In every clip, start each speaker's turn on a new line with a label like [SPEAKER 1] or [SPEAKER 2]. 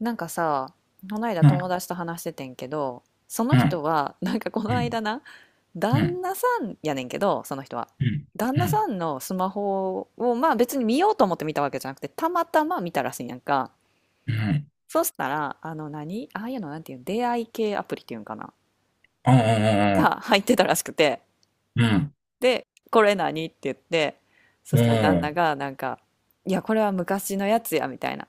[SPEAKER 1] なんかさ、この間
[SPEAKER 2] うん、
[SPEAKER 1] 友達と話しててんけど、その
[SPEAKER 2] う
[SPEAKER 1] 人
[SPEAKER 2] ん、
[SPEAKER 1] は、なんかこの
[SPEAKER 2] うん、
[SPEAKER 1] 間な、
[SPEAKER 2] う
[SPEAKER 1] 旦
[SPEAKER 2] ん、
[SPEAKER 1] 那さんやねんけど、その人は。
[SPEAKER 2] うん、
[SPEAKER 1] 旦
[SPEAKER 2] う
[SPEAKER 1] 那
[SPEAKER 2] ん、
[SPEAKER 1] さんのスマホを、まあ別に見ようと思って見たわけじゃなくて、たまたま見たらしいんやんか。
[SPEAKER 2] うん。
[SPEAKER 1] そしたら、あの何、ああいうのなんていうの、出会い系アプリっていうんかな
[SPEAKER 2] ああ、
[SPEAKER 1] が入ってたらしくて。
[SPEAKER 2] うん、
[SPEAKER 1] で、これ何って言って、そしたら旦那
[SPEAKER 2] も
[SPEAKER 1] がなんか、いや、これは昔のやつや、みたいな。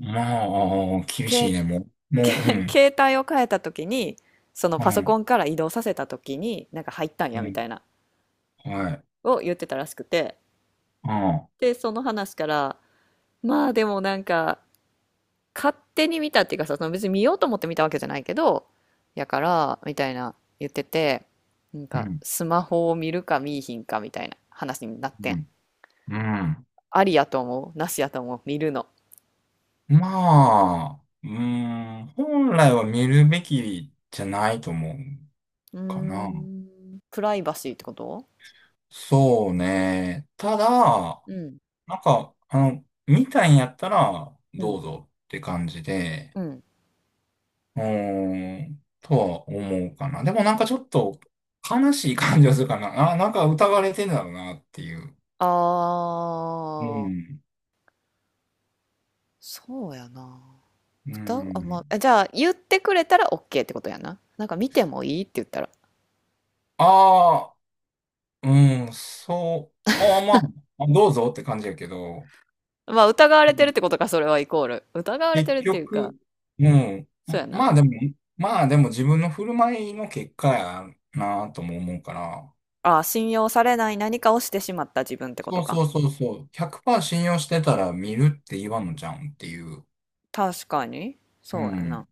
[SPEAKER 2] うん、まあ、厳しい
[SPEAKER 1] 携
[SPEAKER 2] ね、もう。もう、う
[SPEAKER 1] け
[SPEAKER 2] ん、
[SPEAKER 1] 携帯を変えた時に、その
[SPEAKER 2] う
[SPEAKER 1] パソ
[SPEAKER 2] ん、
[SPEAKER 1] コンから移動させた時になんか入ったん
[SPEAKER 2] う
[SPEAKER 1] やみ
[SPEAKER 2] ん、
[SPEAKER 1] たいな
[SPEAKER 2] はい、
[SPEAKER 1] を言ってたらしくて、
[SPEAKER 2] ああ、
[SPEAKER 1] でその話から、まあでもなんか、勝手に見たっていうかさ、その別に見ようと思って見たわけじゃないけどやからみたいな、言ってて、なん
[SPEAKER 2] う
[SPEAKER 1] か
[SPEAKER 2] ん、
[SPEAKER 1] スマホを見るか見いひんかみたいな話になって
[SPEAKER 2] う
[SPEAKER 1] ん。
[SPEAKER 2] ん、うん。
[SPEAKER 1] ありやと思う、なしやと思う、見るの？
[SPEAKER 2] まあ、うん、本来は見るべきじゃないと思う
[SPEAKER 1] うー
[SPEAKER 2] かな。
[SPEAKER 1] ん。プライバシーってこと？
[SPEAKER 2] そうね。ただ、
[SPEAKER 1] うん、
[SPEAKER 2] なんか、見たいんやったら、
[SPEAKER 1] う
[SPEAKER 2] ど
[SPEAKER 1] ん、
[SPEAKER 2] うぞって感じで、
[SPEAKER 1] うん。
[SPEAKER 2] うーん、とは思うかな。でもなんかちょっと悲しい感じがするかな。あ、なんか疑われてんだろうなっていう。
[SPEAKER 1] あ
[SPEAKER 2] う
[SPEAKER 1] ー、
[SPEAKER 2] ん。
[SPEAKER 1] そうやな。
[SPEAKER 2] う
[SPEAKER 1] 歌、あ、ま
[SPEAKER 2] ん。
[SPEAKER 1] あ、じゃあ言ってくれたら OK ってことやな。なんか見てもいいって言ったら。
[SPEAKER 2] ああ、うん、そう。ああ、まあ、どうぞって感じやけど、
[SPEAKER 1] まあ疑わ
[SPEAKER 2] う
[SPEAKER 1] れてるっ
[SPEAKER 2] ん、
[SPEAKER 1] てことか、それはイコール。疑われて
[SPEAKER 2] 結
[SPEAKER 1] るっていうか、
[SPEAKER 2] 局、うん。
[SPEAKER 1] そうやな。
[SPEAKER 2] まあでも、自分の振る舞いの結果やなとも思うから、
[SPEAKER 1] ああ、信用されない何かをしてしまった自分ってこ
[SPEAKER 2] そ
[SPEAKER 1] と
[SPEAKER 2] う
[SPEAKER 1] か。
[SPEAKER 2] そうそうそう。100%信用してたら見るって言わんのじゃうんっていう。
[SPEAKER 1] 確かに。
[SPEAKER 2] う
[SPEAKER 1] そうやな。
[SPEAKER 2] ん。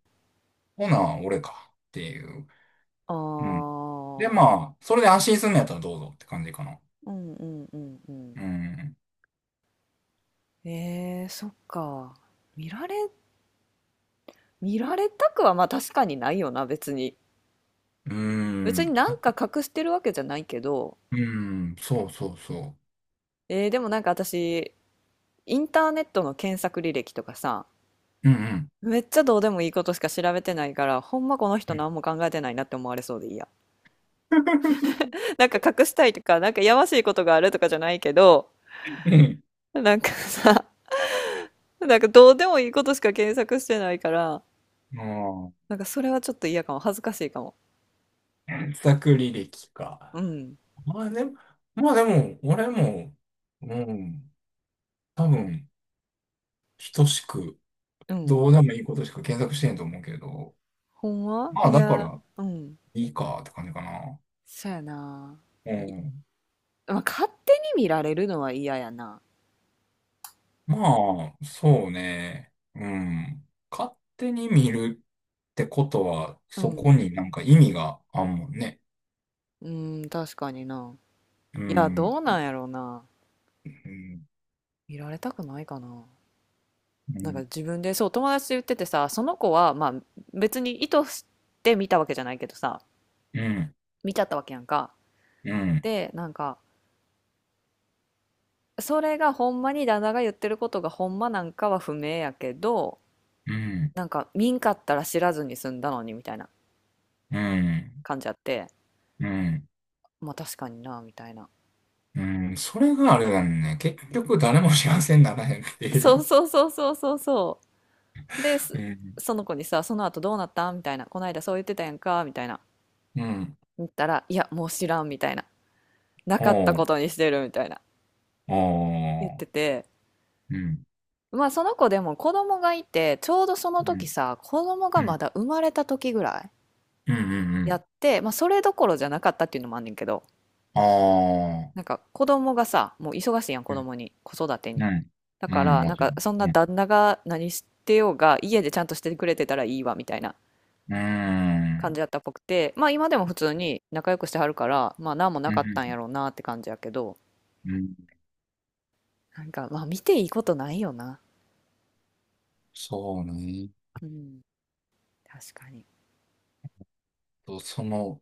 [SPEAKER 2] ほな、俺かっていう。
[SPEAKER 1] あ
[SPEAKER 2] うん。
[SPEAKER 1] あ、
[SPEAKER 2] で、まあ、それで安心するんのやったらどうぞって感じかな。
[SPEAKER 1] うんうんうんうん。
[SPEAKER 2] うん。
[SPEAKER 1] そっか。見られ、見られたくはまあ確かにないよな、別に。
[SPEAKER 2] う
[SPEAKER 1] 別
[SPEAKER 2] ん。
[SPEAKER 1] になん
[SPEAKER 2] あ、
[SPEAKER 1] か隠してるわけじゃないけど、
[SPEAKER 2] うん。そうそうそ
[SPEAKER 1] でもなんか私、インターネットの検索履歴とかさ、
[SPEAKER 2] う。うんうん。
[SPEAKER 1] めっちゃどうでもいいことしか調べてないから、ほんまこの人
[SPEAKER 2] うん。
[SPEAKER 1] 何も考えてないなって思われそうでいいや。なんか隠したいとか、なんかやましいことがあるとかじゃないけど、なんかさ、なんかどうでもいいことしか検索してないから、
[SPEAKER 2] うん。
[SPEAKER 1] なんかそれはちょっと嫌かも。恥ずかしいかも。
[SPEAKER 2] 自作履歴か。
[SPEAKER 1] うん。
[SPEAKER 2] まあでも、俺も、うん。多分、等しく、
[SPEAKER 1] うん。
[SPEAKER 2] どうでもいいことしか検索してんと思うけど。
[SPEAKER 1] ほんま
[SPEAKER 2] まあ
[SPEAKER 1] い
[SPEAKER 2] だか
[SPEAKER 1] や、
[SPEAKER 2] ら、
[SPEAKER 1] うん。
[SPEAKER 2] いいかって感じかな。
[SPEAKER 1] そやな。
[SPEAKER 2] う
[SPEAKER 1] い
[SPEAKER 2] ん。
[SPEAKER 1] まあ、勝手に見られるのは嫌やな。
[SPEAKER 2] まあ、そうね。うん。勝手に見るってことは、
[SPEAKER 1] う
[SPEAKER 2] そ
[SPEAKER 1] ん。
[SPEAKER 2] こになんか意味があんもんね。
[SPEAKER 1] うん、確かにな。
[SPEAKER 2] う
[SPEAKER 1] いや、
[SPEAKER 2] ん。
[SPEAKER 1] どうなんやろうな。
[SPEAKER 2] うん。
[SPEAKER 1] 見られたくないかな。
[SPEAKER 2] う
[SPEAKER 1] なんか
[SPEAKER 2] ん。
[SPEAKER 1] 自分でそう友達と言っててさ、その子はまあ別に意図して見たわけじゃないけどさ、
[SPEAKER 2] うん。
[SPEAKER 1] 見ちゃったわけやんか。
[SPEAKER 2] うん。
[SPEAKER 1] で、なんかそれがほんまに旦那が言ってることがほんまなんかは不明やけど、
[SPEAKER 2] うん。
[SPEAKER 1] なんか見んかったら知らずに済んだのにみたいな
[SPEAKER 2] うん。
[SPEAKER 1] 感じあって、
[SPEAKER 2] うん
[SPEAKER 1] まあ確かになみたいな。
[SPEAKER 2] うん、それがあれだね。結局誰も幸せにならへんってい
[SPEAKER 1] そう
[SPEAKER 2] う。
[SPEAKER 1] そうそうそうそうそう。で、
[SPEAKER 2] うん。
[SPEAKER 1] その子にさ、その後どうなったみたいな。この間そう言ってたやんかみたいな。
[SPEAKER 2] うん。
[SPEAKER 1] 言ったら、いや、もう知らんみたいな。なかった
[SPEAKER 2] おう。
[SPEAKER 1] ことにしてるみたいな。
[SPEAKER 2] お
[SPEAKER 1] 言って
[SPEAKER 2] う。
[SPEAKER 1] て、
[SPEAKER 2] うん。
[SPEAKER 1] まあその子でも子供がいて、ちょうどその
[SPEAKER 2] う
[SPEAKER 1] 時
[SPEAKER 2] ん。
[SPEAKER 1] さ、子供が
[SPEAKER 2] う
[SPEAKER 1] ま
[SPEAKER 2] ん。
[SPEAKER 1] だ生まれた時ぐらい
[SPEAKER 2] うん。うんう
[SPEAKER 1] や
[SPEAKER 2] ん、
[SPEAKER 1] って、まあそれどころじゃなかったっていうのもあんねんけど、
[SPEAKER 2] あ
[SPEAKER 1] なん
[SPEAKER 2] あ。
[SPEAKER 1] か子供がさ、もう忙しいやん、子
[SPEAKER 2] うん。
[SPEAKER 1] 供に、子育てに。
[SPEAKER 2] うん。
[SPEAKER 1] だ
[SPEAKER 2] う
[SPEAKER 1] か
[SPEAKER 2] ん。
[SPEAKER 1] ら、な
[SPEAKER 2] も
[SPEAKER 1] ん
[SPEAKER 2] ちろ
[SPEAKER 1] か
[SPEAKER 2] ん。
[SPEAKER 1] そんな
[SPEAKER 2] う
[SPEAKER 1] 旦那が何してようが、家でちゃんとしてくれてたらいいわ、みたいな
[SPEAKER 2] ん。う
[SPEAKER 1] 感じ
[SPEAKER 2] ん。
[SPEAKER 1] やったっぽくて、まあ今でも普通に仲良くしてはるから、まあ何もな
[SPEAKER 2] う
[SPEAKER 1] かったんや
[SPEAKER 2] ん。
[SPEAKER 1] ろうなって感じやけど、
[SPEAKER 2] うん、
[SPEAKER 1] なんかまあ見ていいことないよな。
[SPEAKER 2] そうね。
[SPEAKER 1] うん、確かに。
[SPEAKER 2] と、その、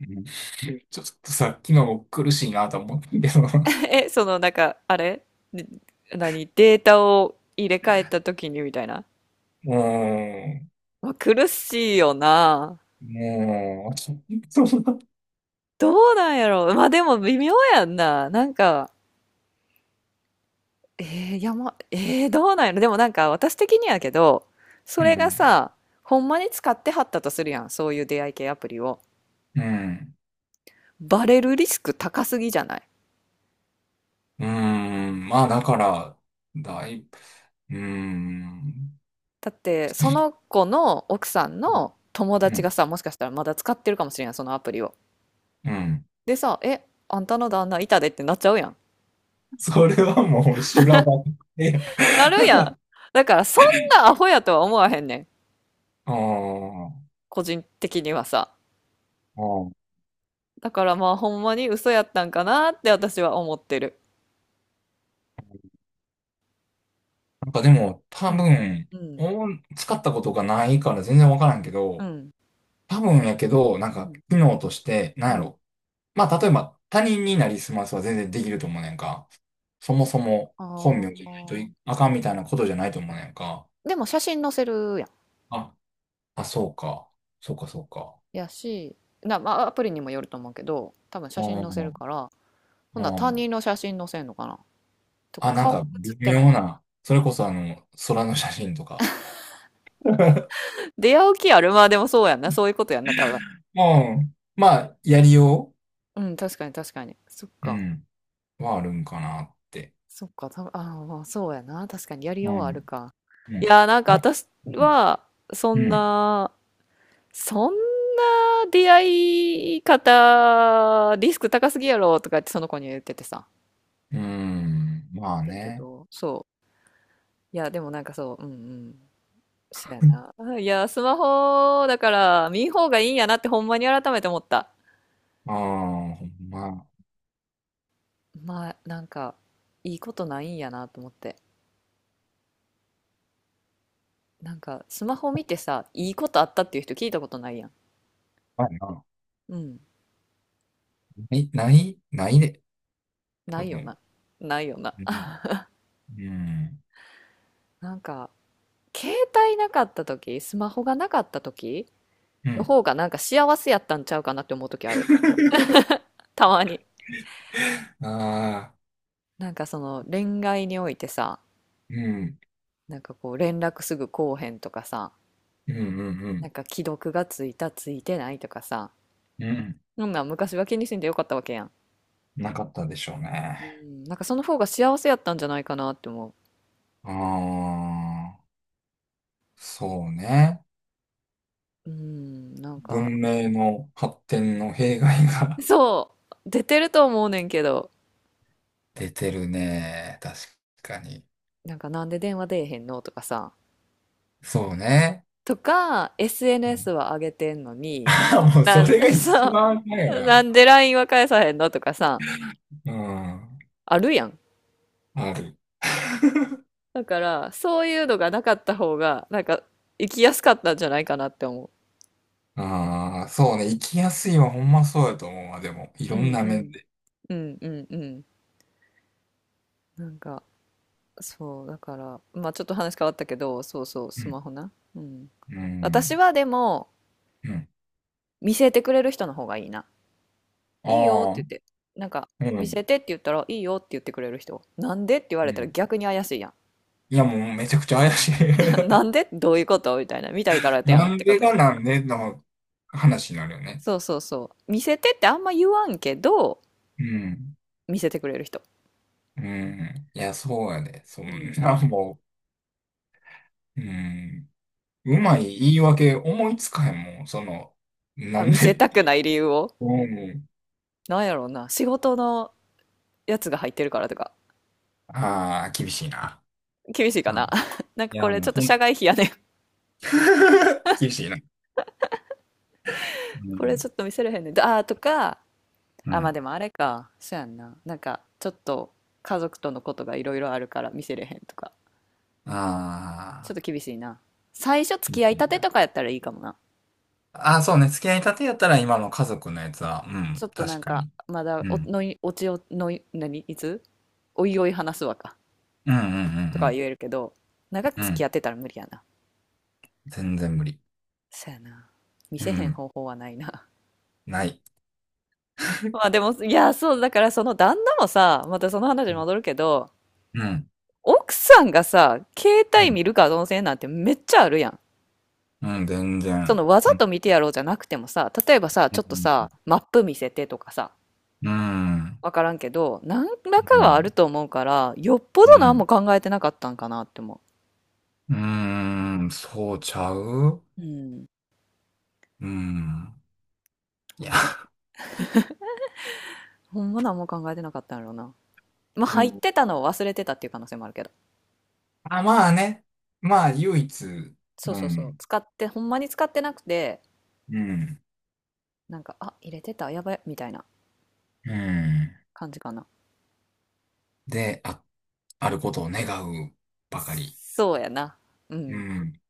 [SPEAKER 2] うん ちょっとさっきのも苦しいなと思ったけど、
[SPEAKER 1] その、なんか、あれで、何データを入れ替えた時にみたいな。
[SPEAKER 2] も
[SPEAKER 1] まあ苦しいよな。
[SPEAKER 2] う、もう、そんな、
[SPEAKER 1] どうなんやろう。まあでも微妙やんな。なんか、いやま、どうなんやろ。でもなんか私的にやけど、そ
[SPEAKER 2] う
[SPEAKER 1] れが
[SPEAKER 2] ん、
[SPEAKER 1] さ、ほんまに使ってはったとするやん。そういう出会い系アプリを。
[SPEAKER 2] うん、
[SPEAKER 1] バレるリスク高すぎじゃない？
[SPEAKER 2] うん、まあだから、だいぶ、うん、
[SPEAKER 1] だってその子の奥さんの友
[SPEAKER 2] う
[SPEAKER 1] 達
[SPEAKER 2] ん、
[SPEAKER 1] がさ、もしかしたらまだ使ってるかもしれんやん、そのアプリを。
[SPEAKER 2] うん。
[SPEAKER 1] でさ、「えあんたの旦那いたで」ってなっちゃうやん。
[SPEAKER 2] それはもう修羅場で、
[SPEAKER 1] なるやん。だからそんなアホやとは思わへんねん。
[SPEAKER 2] ああ、
[SPEAKER 1] 個人的にはさ。
[SPEAKER 2] ああ、
[SPEAKER 1] だからまあほんまに嘘やったんかなって私は思ってる。
[SPEAKER 2] なんかでも多
[SPEAKER 1] うん。
[SPEAKER 2] 分、
[SPEAKER 1] うん。
[SPEAKER 2] お使ったことがないから全然わからんけ
[SPEAKER 1] う
[SPEAKER 2] ど、
[SPEAKER 1] ん。
[SPEAKER 2] 多分やけど、なん
[SPEAKER 1] う
[SPEAKER 2] か、
[SPEAKER 1] ん。
[SPEAKER 2] 機能として、なん
[SPEAKER 1] う
[SPEAKER 2] や
[SPEAKER 1] ん。
[SPEAKER 2] ろ、まあ、例えば、他人になりすますは全然できると思うねんか。そもそも
[SPEAKER 1] あ
[SPEAKER 2] 本名じゃないとい
[SPEAKER 1] あ。
[SPEAKER 2] あかんみたいなことじゃないと思うねんか。
[SPEAKER 1] でも写真載せるやん。
[SPEAKER 2] あ、あ、そうか。そうか、そうか。
[SPEAKER 1] やし、な、まあアプリにもよると思うけど、多分
[SPEAKER 2] う
[SPEAKER 1] 写真載せる
[SPEAKER 2] ん、
[SPEAKER 1] から、ほんなら
[SPEAKER 2] う
[SPEAKER 1] 他
[SPEAKER 2] ん。
[SPEAKER 1] 人の写真載せんのかな、とか
[SPEAKER 2] あ、なん
[SPEAKER 1] 顔
[SPEAKER 2] か
[SPEAKER 1] 写っ
[SPEAKER 2] 微
[SPEAKER 1] てない
[SPEAKER 2] 妙
[SPEAKER 1] とか。
[SPEAKER 2] な。それこそあの、空の写真とか。
[SPEAKER 1] 出会う気ある？まあでもそうやんな。そういうことやんな、多分。
[SPEAKER 2] うん。まあ、やりよ
[SPEAKER 1] うん、確かに確かに。そっ
[SPEAKER 2] う、う
[SPEAKER 1] か。
[SPEAKER 2] ん、はあるんかなって。
[SPEAKER 1] そっか、ああ、まあ、そうやな。確かにやり
[SPEAKER 2] う
[SPEAKER 1] ようはある
[SPEAKER 2] ん。
[SPEAKER 1] か。
[SPEAKER 2] う
[SPEAKER 1] い
[SPEAKER 2] ん。
[SPEAKER 1] やー、なんか
[SPEAKER 2] あ、
[SPEAKER 1] 私
[SPEAKER 2] うん。
[SPEAKER 1] は、そん
[SPEAKER 2] うん。
[SPEAKER 1] な、そんな出会い方、リスク高すぎやろとかってその子には言っててさ。
[SPEAKER 2] うん、
[SPEAKER 1] っ
[SPEAKER 2] まあ
[SPEAKER 1] てんけ
[SPEAKER 2] ね。
[SPEAKER 1] ど、そう。いや、でもなんかそう、うんうん。そうやな。あいや、スマホだから見ん方がいいんやなってほんまに改めて思った。
[SPEAKER 2] ああ、ほんま。
[SPEAKER 1] まあ、なんか、いいことないんやなと思って。なんか、スマホ見てさ、いいことあったっていう人聞いたことないやん。
[SPEAKER 2] まあな、
[SPEAKER 1] うん。
[SPEAKER 2] ない、ない、ないで。
[SPEAKER 1] な
[SPEAKER 2] 多
[SPEAKER 1] いよ
[SPEAKER 2] 分。
[SPEAKER 1] な。ないよな。
[SPEAKER 2] うん。うん。
[SPEAKER 1] なんか、携帯なかった時、スマホがなかった時
[SPEAKER 2] う
[SPEAKER 1] の
[SPEAKER 2] ん。
[SPEAKER 1] 方がなんか幸せやったんちゃうかなって思う時ある。たまに。
[SPEAKER 2] ああ、
[SPEAKER 1] なんかその恋愛においてさ、
[SPEAKER 2] うん。
[SPEAKER 1] なんかこう連絡すぐこうへんとかさ、
[SPEAKER 2] うんうんう
[SPEAKER 1] な
[SPEAKER 2] ん。
[SPEAKER 1] んか既読がついたついてないとかさ、
[SPEAKER 2] うん。
[SPEAKER 1] そんなん昔は気にせんでよかったわけやん。
[SPEAKER 2] なかったでしょう
[SPEAKER 1] う
[SPEAKER 2] ね。
[SPEAKER 1] ん、なんかその方が幸せやったんじゃないかなって思
[SPEAKER 2] ああ、そうね。
[SPEAKER 1] う。うん、なんか、
[SPEAKER 2] 文明の発展の弊害が
[SPEAKER 1] そう、出てると思うねんけど、
[SPEAKER 2] 出てるね。確かに。
[SPEAKER 1] なんかなんで電話出えへんのとかさ、
[SPEAKER 2] そうね。
[SPEAKER 1] とか、SNS は上げてんのに、
[SPEAKER 2] あ、もうそ
[SPEAKER 1] なん
[SPEAKER 2] れ が一
[SPEAKER 1] そ
[SPEAKER 2] 番だよ
[SPEAKER 1] う、な
[SPEAKER 2] な。
[SPEAKER 1] んで LINE は返さへんのとかさ、
[SPEAKER 2] うん。
[SPEAKER 1] あるやん。
[SPEAKER 2] ある。
[SPEAKER 1] だから、そういうのがなかった方が、なんか、生きやすかったんじゃないかなって思
[SPEAKER 2] ああ、そうね。生きやすいはほんまそうやと思うわ。でも、い
[SPEAKER 1] う。
[SPEAKER 2] ろ
[SPEAKER 1] う
[SPEAKER 2] ん
[SPEAKER 1] ん
[SPEAKER 2] な
[SPEAKER 1] う
[SPEAKER 2] 面
[SPEAKER 1] ん。
[SPEAKER 2] で。
[SPEAKER 1] うんうんうん。なんか、そう、だから、まあちょっと話変わったけど、そうそう、
[SPEAKER 2] う
[SPEAKER 1] ス
[SPEAKER 2] ん。
[SPEAKER 1] マホな。うん。
[SPEAKER 2] う
[SPEAKER 1] 私
[SPEAKER 2] ん。
[SPEAKER 1] はでも、
[SPEAKER 2] うん。
[SPEAKER 1] 見せてくれる人の方がいいな。
[SPEAKER 2] あ
[SPEAKER 1] いいよって言っ
[SPEAKER 2] あ。
[SPEAKER 1] て、なんか、
[SPEAKER 2] う
[SPEAKER 1] 見
[SPEAKER 2] ん。
[SPEAKER 1] せてって言ったら、いいよって言ってくれる人。なんでって言わ
[SPEAKER 2] う
[SPEAKER 1] れたら
[SPEAKER 2] ん。
[SPEAKER 1] 逆に怪しいやん。
[SPEAKER 2] いや、もうめちゃくちゃ怪しい
[SPEAKER 1] なん でどういうことみたいな。見たいからやん
[SPEAKER 2] な
[SPEAKER 1] っ
[SPEAKER 2] ん
[SPEAKER 1] てこ
[SPEAKER 2] で
[SPEAKER 1] とや。
[SPEAKER 2] がなんでの話になるよね。
[SPEAKER 1] そうそうそう。見せてってあんま言わんけど、
[SPEAKER 2] うん。
[SPEAKER 1] 見せてくれる人。
[SPEAKER 2] うん。いや、そうやで。そん
[SPEAKER 1] うんう
[SPEAKER 2] な、
[SPEAKER 1] ん。
[SPEAKER 2] もう、うん。うまい言い訳思いつかへんもん。その、
[SPEAKER 1] あ、
[SPEAKER 2] なん
[SPEAKER 1] 見せ
[SPEAKER 2] で。
[SPEAKER 1] たくない理由を。
[SPEAKER 2] うん。
[SPEAKER 1] なんやろうな。仕事のやつが入ってるからとか。
[SPEAKER 2] ああ、厳しいな。
[SPEAKER 1] 厳しいか
[SPEAKER 2] あ、
[SPEAKER 1] な。なん
[SPEAKER 2] い
[SPEAKER 1] かこ
[SPEAKER 2] や、
[SPEAKER 1] れ
[SPEAKER 2] も
[SPEAKER 1] ち
[SPEAKER 2] う、
[SPEAKER 1] ょっと社外 費やねん。
[SPEAKER 2] 厳しいな。う
[SPEAKER 1] これ
[SPEAKER 2] ん。
[SPEAKER 1] ちょっと見せれへんねん。あーとか、
[SPEAKER 2] う
[SPEAKER 1] あ、
[SPEAKER 2] ん。
[SPEAKER 1] まあ
[SPEAKER 2] あ
[SPEAKER 1] でもあれか。そうやんな。なんかちょっと家族とのことがいろいろあるから見せれへんとか。ちょっ
[SPEAKER 2] あ、
[SPEAKER 1] と厳しいな。最初
[SPEAKER 2] 厳
[SPEAKER 1] 付き合い
[SPEAKER 2] し
[SPEAKER 1] た
[SPEAKER 2] い
[SPEAKER 1] て
[SPEAKER 2] な。
[SPEAKER 1] とかやったらいいかもな。
[SPEAKER 2] ああ、そうね。付き合いたてやったら今の家族のやつは、う
[SPEAKER 1] ち
[SPEAKER 2] ん、
[SPEAKER 1] ょっとな
[SPEAKER 2] 確
[SPEAKER 1] ん
[SPEAKER 2] か
[SPEAKER 1] か、
[SPEAKER 2] に。
[SPEAKER 1] まだ
[SPEAKER 2] う
[SPEAKER 1] お、
[SPEAKER 2] ん。
[SPEAKER 1] のい、おちお、のい、何いつおいおい話すわか、
[SPEAKER 2] うんう
[SPEAKER 1] とかは言え
[SPEAKER 2] ん
[SPEAKER 1] るけど、長く
[SPEAKER 2] うんう
[SPEAKER 1] 付
[SPEAKER 2] ん。う
[SPEAKER 1] き合
[SPEAKER 2] ん。
[SPEAKER 1] ってたら無理やな。
[SPEAKER 2] 全然無理。
[SPEAKER 1] そやな。見
[SPEAKER 2] う
[SPEAKER 1] せへん
[SPEAKER 2] ん。
[SPEAKER 1] 方法はないな。
[SPEAKER 2] ない。
[SPEAKER 1] まあでも、いや、そう、だからその旦那もさ、またその話に
[SPEAKER 2] うん。
[SPEAKER 1] 戻るけど、
[SPEAKER 2] うん。
[SPEAKER 1] 奥さんがさ、携
[SPEAKER 2] う
[SPEAKER 1] 帯
[SPEAKER 2] ん。
[SPEAKER 1] 見るかどうせなんてめっちゃあるやん。
[SPEAKER 2] うん、全
[SPEAKER 1] そ
[SPEAKER 2] 然。
[SPEAKER 1] のわざ
[SPEAKER 2] うん。
[SPEAKER 1] と見てやろうじゃなくてもさ、例えばさ、
[SPEAKER 2] う
[SPEAKER 1] ちょっと
[SPEAKER 2] ん。
[SPEAKER 1] さ、マップ見せてとかさ、
[SPEAKER 2] うん。
[SPEAKER 1] わからんけど、何らか
[SPEAKER 2] う
[SPEAKER 1] はある
[SPEAKER 2] ん。
[SPEAKER 1] と思うから、よっぽ
[SPEAKER 2] う
[SPEAKER 1] ど何も
[SPEAKER 2] ん。
[SPEAKER 1] 考えてなかったんかなって思
[SPEAKER 2] うんうん、そうちゃう、
[SPEAKER 1] う。うん。
[SPEAKER 2] うん。い
[SPEAKER 1] なん
[SPEAKER 2] や。
[SPEAKER 1] か、ほんま何も考えてなかったんやろうな。まあ、
[SPEAKER 2] う
[SPEAKER 1] 入っ
[SPEAKER 2] ん。
[SPEAKER 1] てたのを忘れてたっていう可能性もあるけど。
[SPEAKER 2] あ、まあね。まあ、唯一。
[SPEAKER 1] そう
[SPEAKER 2] う
[SPEAKER 1] そうそう。
[SPEAKER 2] ん。
[SPEAKER 1] 使って、ほんまに使ってなくて、
[SPEAKER 2] うん。
[SPEAKER 1] なんか、あ、入れてた、やばい、みたいな
[SPEAKER 2] うん。
[SPEAKER 1] 感じかな。
[SPEAKER 2] で、あ、あることを願うばかり。
[SPEAKER 1] そうやな。う
[SPEAKER 2] う
[SPEAKER 1] ん。
[SPEAKER 2] ん。